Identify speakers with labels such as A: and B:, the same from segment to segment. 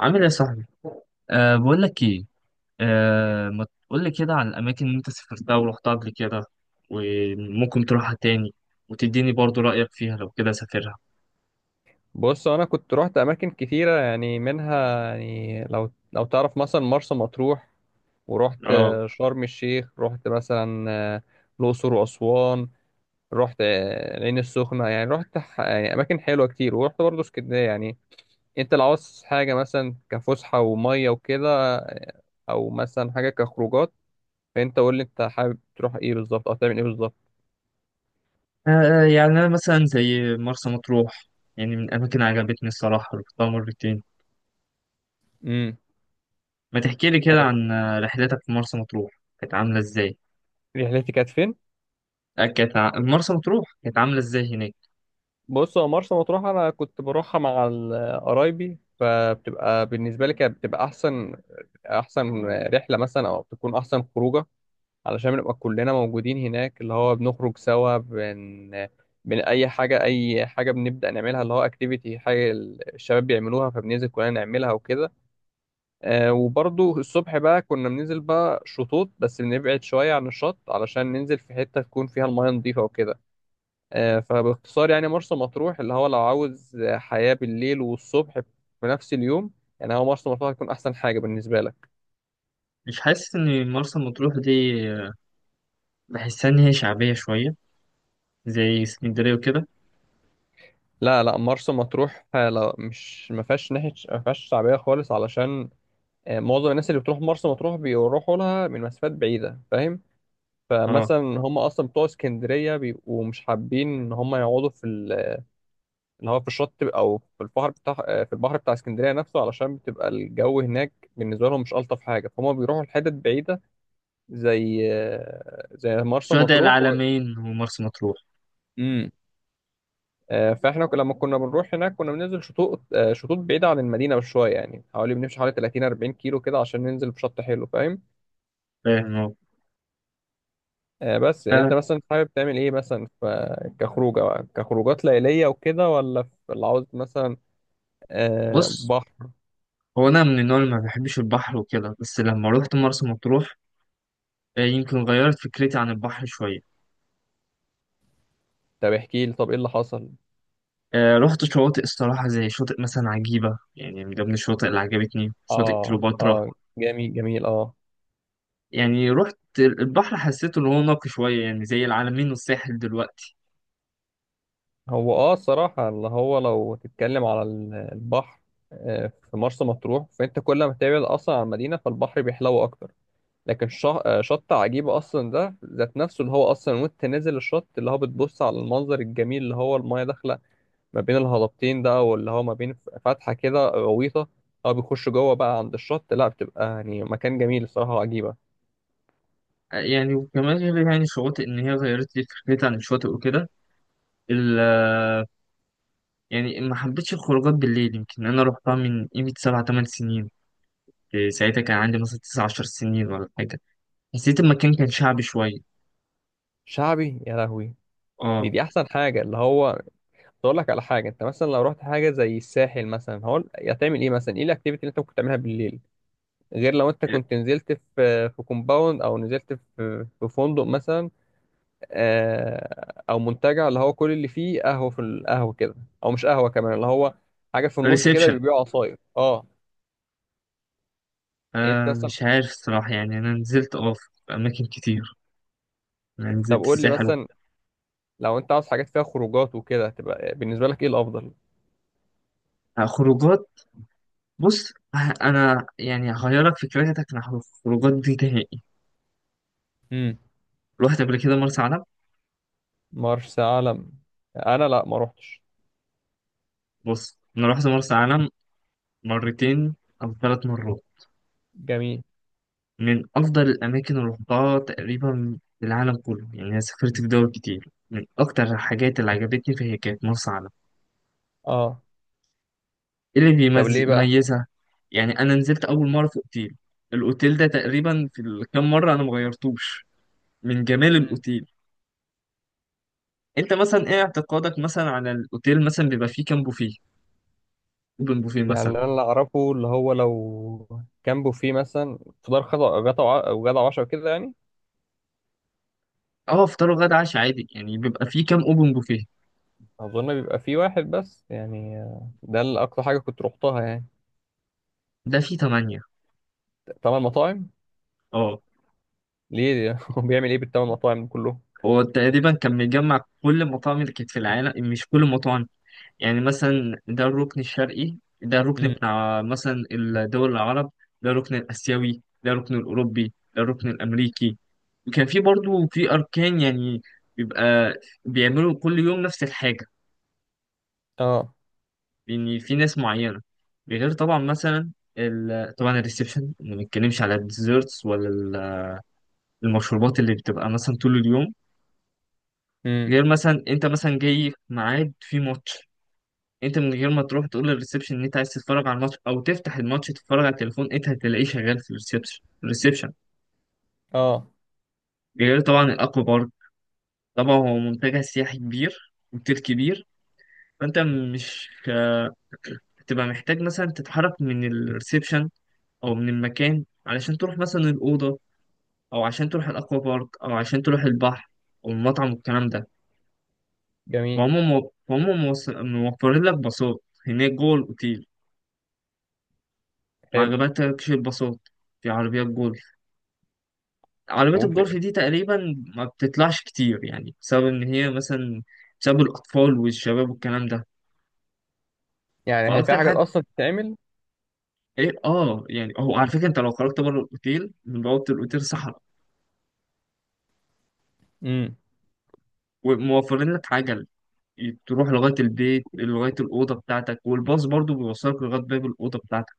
A: عامل ايه يا صاحبي؟ بقول لك ايه. ما تقول لي كده عن الاماكن اللي انت سافرتها ورحتها قبل كده، وممكن تروحها تاني، وتديني برضو رأيك فيها لو كده سافرها.
B: بص انا كنت روحت اماكن كتيره، يعني منها، يعني لو تعرف مثلا مرسى مطروح. ورحت
A: اه.
B: شرم الشيخ، رحت مثلا الاقصر واسوان. رحت العين السخنه، يعني رحت يعني اماكن حلوه كتير، ورحت برضه اسكندريه يعني. انت لو عاوز حاجه مثلا كفسحه وميه وكده، او مثلا حاجه كخروجات. فانت قول لي، انت حابب تروح ايه بالظبط او تعمل ايه بالظبط؟
A: يعني انا مثلا زي مرسى مطروح، يعني من الاماكن اللي عجبتني الصراحة رحتها مرتين.
B: امم.
A: ما تحكي لي كده
B: آه،
A: عن رحلتك في مرسى مطروح، كانت عاملة ازاي؟
B: رحلتي كانت فين؟
A: كانت مرسى مطروح كانت عاملة ازاي هناك؟
B: بص، هو مرسى مطروح انا كنت بروحها مع قرايبي، فبتبقى بالنسبه لي كانت بتبقى احسن، احسن رحله مثلا، او بتكون احسن خروجه. علشان بنبقى كلنا موجودين هناك، اللي هو بنخرج سوا بن بن اي حاجه، اي حاجه بنبدا نعملها، اللي هو اكتيفيتي حاجه الشباب بيعملوها، فبننزل كلنا نعملها وكده. وبرضو الصبح بقى كنا بننزل بقى شطوط، بس بنبعد شويه عن الشط علشان ننزل في حته تكون فيها الميه نظيفه وكده. فباختصار، يعني مرسى مطروح اللي هو لو عاوز حياة بالليل والصبح في نفس اليوم، يعني هو مرسى مطروح هتكون أحسن حاجة بالنسبة لك.
A: مش حاسس ان مرسى مطروح دي، آه، بحسها ان هي شعبية شوية، زي اسكندرية وكده؟
B: لا، لا، مرسى مطروح لا، مش ما فيهاش ناحية، ما فيهاش شعبية خالص، علشان معظم الناس اللي بتروح مرسى مطروح بيروحوا لها من مسافات بعيدة، فاهم؟
A: اه،
B: فمثلا هم أصلا بتوع اسكندرية بيبقوا مش حابين إن هم يقعدوا اللي هو في الشط أو في البحر بتاع، في البحر بتاع اسكندرية نفسه، علشان بتبقى الجو هناك بالنسبة لهم مش ألطف حاجة، فهم بيروحوا لحتت بعيدة زي مرسى
A: شهداء
B: مطروح
A: العالمين ومرسى مطروح.
B: مم. فاحنا لما كنا بنروح هناك كنا بننزل شطوط، شطوط بعيدة عن المدينة بشوية، يعني حوالي بنمشي حوالي 30 40 كيلو كده عشان ننزل في شط حلو، فاهم؟
A: فاهم هو.
B: بس يعني انت
A: آه
B: مثلا حابب تعمل ايه مثلا في كخروجة بقى؟ كخروجات ليلية وكده، ولا في اللي عاوز مثلا
A: بص،
B: بحر؟
A: هو أنا من النوع اللي ما بحبش البحر وكده، بس لما روحت مرسى مطروح يمكن غيرت فكرتي عن البحر شوية.
B: طب احكي لي، طب ايه اللي حصل؟
A: رحت شواطئ الصراحة، زي شاطئ مثلا عجيبة، يعني من ضمن الشواطئ اللي عجبتني شاطئ
B: اه،
A: كليوباترا.
B: اه. جميل، جميل، اه.
A: يعني رحت البحر حسيته إن هو نقي شوية، يعني زي العلمين والساحل دلوقتي.
B: هو، اه، الصراحة اللي هو لو تتكلم على البحر، في مرسى مطروح، فانت كل ما تبعد اصلا عن المدينة فالبحر بيحلو اكتر. لكن شط عجيبة اصلا، ده ذات نفسه اللي هو اصلا وانت نازل الشط، اللي هو بتبص على المنظر الجميل اللي هو المايه داخلة ما بين الهضبتين ده، واللي هو ما بين فتحة كده، غويطة، او بيخش جوه بقى عند الشط، لا بتبقى يعني مكان جميل الصراحة، وعجيبة.
A: يعني وكمان غير يعني الشواطئ إن هي غيرت لي فكرتي عن الشواطئ وكده. ال- يعني ما حبيتش الخروجات بالليل. يمكن انا روحتها من قيمة سبع تمن سنين، كنت ساعتها كان عندي مثلا 19 سنين ولا حاجة. حسيت المكان كان شعبي شوية.
B: شعبي يا لهوي! دي
A: اه.
B: دي احسن حاجة. اللي هو اقول لك على حاجه، انت مثلا لو رحت حاجه زي الساحل مثلا، هو هتعمل ايه مثلا؟ ايه الاكتيفيتي اللي انت ممكن تعملها بالليل؟ غير لو انت كنت نزلت في كومباوند، او نزلت في فندق مثلا، او منتجع اللي هو كل اللي فيه قهوه، في القهوه كده، او مش قهوه كمان، اللي هو حاجه في النص كده
A: ريسبشن.
B: بيبيعوا عصاير، اه. يعني انت مثلا،
A: مش عارف الصراحة، يعني أنا نزلت في أماكن كتير. أنا
B: طب
A: نزلت
B: قول لي
A: الساحل
B: مثلا، لو انت عاوز حاجات فيها خروجات وكده، تبقى بالنسبه لك ايه الافضل؟
A: خروجات. بص، أنا يعني هغيرك فكرتك عن الخروجات دي نهائي.
B: امم.
A: رحت قبل كده مرسى علم.
B: مرسى علم. انا، لا، ما روحتش.
A: بص أنا رحت مرسى علم مرتين أو ثلاث مرات،
B: جميل،
A: من أفضل الأماكن اللي رحتها تقريبا في العالم كله. يعني أنا سافرت في دول كتير، من أكتر الحاجات اللي عجبتني فهي كانت مرسى علم.
B: اه.
A: إيه اللي
B: طب ليه بقى؟
A: بيميزها؟ يعني انا نزلت اول مره في اوتيل، الاوتيل ده تقريبا في الكام مره انا مغيرتوش، من جمال الاوتيل. انت مثلا ايه اعتقادك مثلا على الاوتيل، مثلا بيبقى فيه كام بوفيه، اوبن بوفيه
B: يعني
A: مثلا؟
B: انا، اللي انا اعرفه اللي هو لو جنبه فيه مثلا فطار، خطأ، غدا وغدا وعشاء كده يعني.
A: اه، فطار وغدا عشاء عادي، يعني بيبقى فيه كام اوبن بوفيه؟
B: اظن بيبقى فيه واحد بس يعني، ده اللي اكتر حاجه كنت روحتها يعني.
A: ده فيه تمانية.
B: تمن مطاعم!
A: اه.
B: ليه؟ هو بيعمل ايه بالتمن مطاعم كلهم؟
A: هو تقريبا كان مجمع كل المطاعم اللي كانت في العالم. مش كل المطاعم، يعني مثلا ده الركن الشرقي، ده الركن
B: امم.
A: بتاع مثلا الدول العرب، ده الركن الآسيوي، ده الركن الأوروبي، ده الركن الأمريكي. وكان في برضو في أركان، يعني بيبقى بيعملوا كل يوم نفس الحاجة،
B: اه.
A: لأن في ناس معينة. غير طبعا مثلا طبعا الريسبشن، ما بنتكلمش على الديزرتس ولا المشروبات اللي بتبقى مثلا طول اليوم.
B: امم.
A: غير مثلا انت مثلا جاي في ميعاد في ماتش، انت من غير ما تروح تقول للريسبشن ان انت عايز تتفرج على الماتش او تفتح الماتش تتفرج على التليفون، انت هتلاقيه شغال في الريسبشن.
B: اه.
A: غير طبعا الاكوا بارك، طبعا هو منتجع سياحي كبير، اوتيل كبير. فانت مش هتبقى محتاج مثلا تتحرك من الريسبشن او من المكان علشان تروح مثلا الاوضه، او عشان تروح الاكوا بارك، او عشان تروح البحر، او المطعم والكلام ده.
B: جميل.
A: فهم موفرين لك باصات هناك جوه الاوتيل. ما
B: حلو.
A: عجبتكش الباصات؟ في عربيات جوه، عربيات
B: وفي.
A: الجولف دي تقريبا ما بتطلعش كتير، يعني بسبب ان هي مثلا، بسبب الاطفال والشباب والكلام ده.
B: يعني هي في
A: فاكتر
B: حاجات
A: حاجه
B: اصلا بتتعمل.
A: ايه، اه يعني هو على فكره انت لو خرجت بره الاوتيل، من بوابه الاوتيل صحراء.
B: امم.
A: وموفرين لك عجل، تروح لغايه البيت لغايه الاوضه بتاعتك، والباص برضو بيوصلك لغايه باب الاوضه بتاعتك.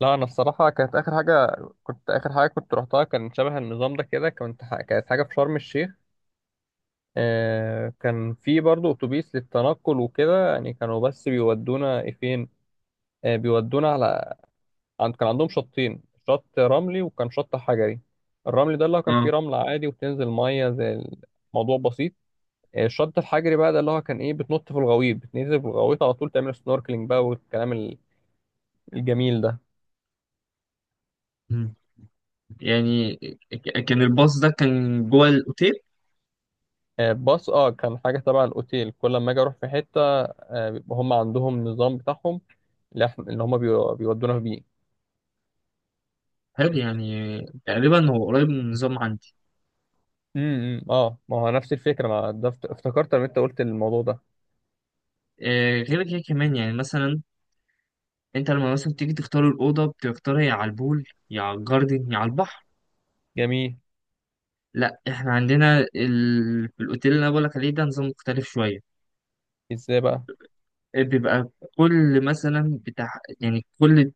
B: لا، انا الصراحه كانت اخر حاجه كنت اخر حاجه كنت روحتها كان شبه النظام ده كده، كانت حاجه في شرم الشيخ. كان في برضو اتوبيس للتنقل وكده، يعني كانوا بس بيودونا إيه فين، بيودونا على، عند كان عندهم شطين، شط رملي وكان شط حجري. الرملي ده اللي هو كان فيه
A: اه.
B: رمل عادي، وبتنزل ميه، زي، الموضوع بسيط. الشط الحجري بقى ده اللي هو كان ايه، بتنط في الغويط، بتنزل في الغويط على طول، تعمل سنوركلينج بقى، والكلام الجميل ده.
A: مم. يعني كان الباص ده كان جوه الاوتيل؟
B: باص، اه، كان حاجه تبع الاوتيل كل ما اجي اروح في حته. بيبقى هم عندهم نظام بتاعهم، اللي هم بيودونا بيه.
A: حلو. يعني تقريبا هو قريب من النظام عندي.
B: امم، اه، ما هو نفس الفكره، ما ده افتكرت لما انت قلت الموضوع ده.
A: غير كده كمان يعني مثلا، انت لما مثلا تيجي تختار الأوضة بتختارها يا على البول، يا على الجاردن، يا على البحر.
B: جميل.
A: لا، احنا عندنا في الأوتيل اللي أنا بقولك عليه ده نظام مختلف شوية.
B: ازاي بقى؟
A: بيبقى كل مثلا بتاع، يعني كل،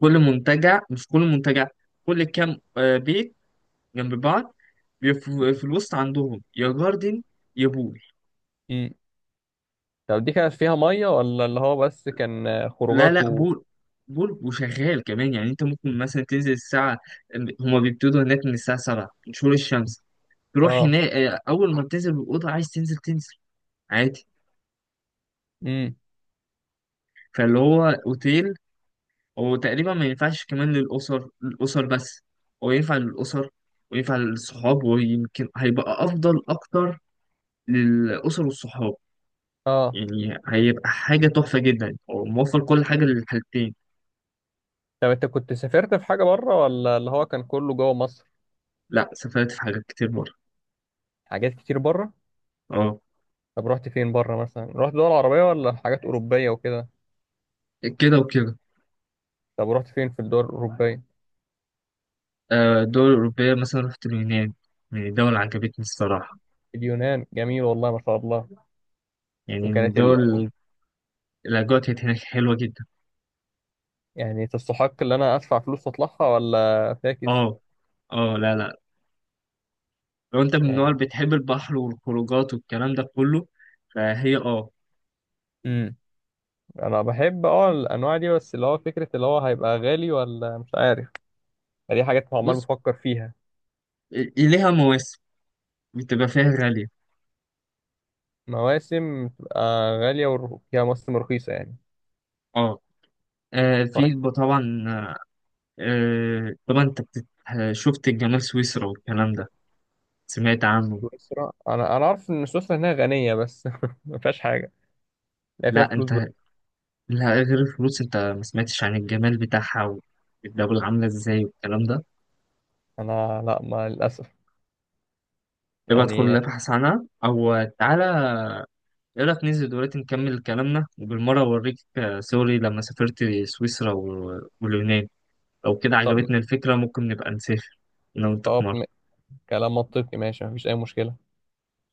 A: كل منتجع، مش كل منتجع، كل كام بيت جنب بعض، بيبقى في الوسط عندهم يا جاردن يا بول.
B: امم. طب دي كانت فيها ميه، ولا اللي هو بس كان
A: لا
B: خروجات
A: لا،
B: و...
A: بول. بول وشغال كمان، يعني انت ممكن مثلا تنزل الساعة، هما بيبتدوا هناك من الساعة 7 من شروق الشمس، تروح
B: اه.
A: هناك اول ما بتنزل من الاوضه عايز تنزل تنزل عادي.
B: امم.
A: فاللي هو اوتيل، هو تقريبا ما ينفعش كمان للاسر، بس هو ينفع للاسر وينفع للصحاب، ويمكن هيبقى افضل اكتر للاسر والصحاب.
B: اه.
A: يعني هيبقى حاجه تحفه جدا، هو موفر كل حاجه للحالتين.
B: طب انت كنت سافرت في حاجه بره، ولا اللي هو كان كله جوه مصر؟
A: لا سافرت في حاجات كتير بره.
B: حاجات كتير بره.
A: اه.
B: طب رحت فين بره مثلا؟ رحت دول عربيه ولا حاجات اوروبيه وكده؟
A: كده وكده.
B: طب رحت فين في الدول الاوروبيه؟
A: الدول الاوروبيه مثلا رحت اليونان، من الدول اللي عجبتني الصراحه.
B: اليونان جميل، والله ما شاء الله.
A: يعني من
B: وكانت ال...
A: الدول الاجواء كانت هناك حلوه جدا.
B: يعني تستحق ان انا ادفع فلوس واطلعها ولا فاكس؟
A: اه اه، لا لا، لو انت من النوع اللي بتحب البحر والخروجات والكلام ده كله فهي، اه.
B: يعني انا بحب، اه، الانواع دي، بس اللي هو فكره اللي هو هيبقى غالي ولا مش عارف. دي حاجات عمال
A: بص،
B: بفكر فيها.
A: ليها مواسم بتبقى فيها غالية.
B: مواسم تبقى غاليه، وفيها مواسم رخيصه يعني.
A: اه. في
B: طيب.
A: طبعا، طبعا انت شفت الجمال سويسرا والكلام ده، سمعت عنه؟
B: سويسرا، انا عارف ان سويسرا هنا غنيه بس ما فيهاش حاجه. لا، فيها
A: لا
B: فلوس
A: انت،
B: بقى.
A: لا غير الفلوس، انت ما سمعتش عن الجمال بتاعها والدولة عاملة ازاي والكلام ده.
B: انا، لا، ما، للاسف
A: يبقى ادخل
B: يعني.
A: ابحث عنها، او تعالى، ايه رأيك ننزل دلوقتي نكمل كلامنا، وبالمرة أوريك صوري لما سافرت سويسرا واليونان. لو كده
B: طب
A: عجبتنا الفكرة ممكن نبقى نسافر أنا وأنت في
B: طب
A: مرة.
B: م- كلام منطقي، ماشي، مفيش اي مشكله.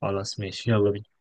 A: خلاص ماشي، يلا بينا.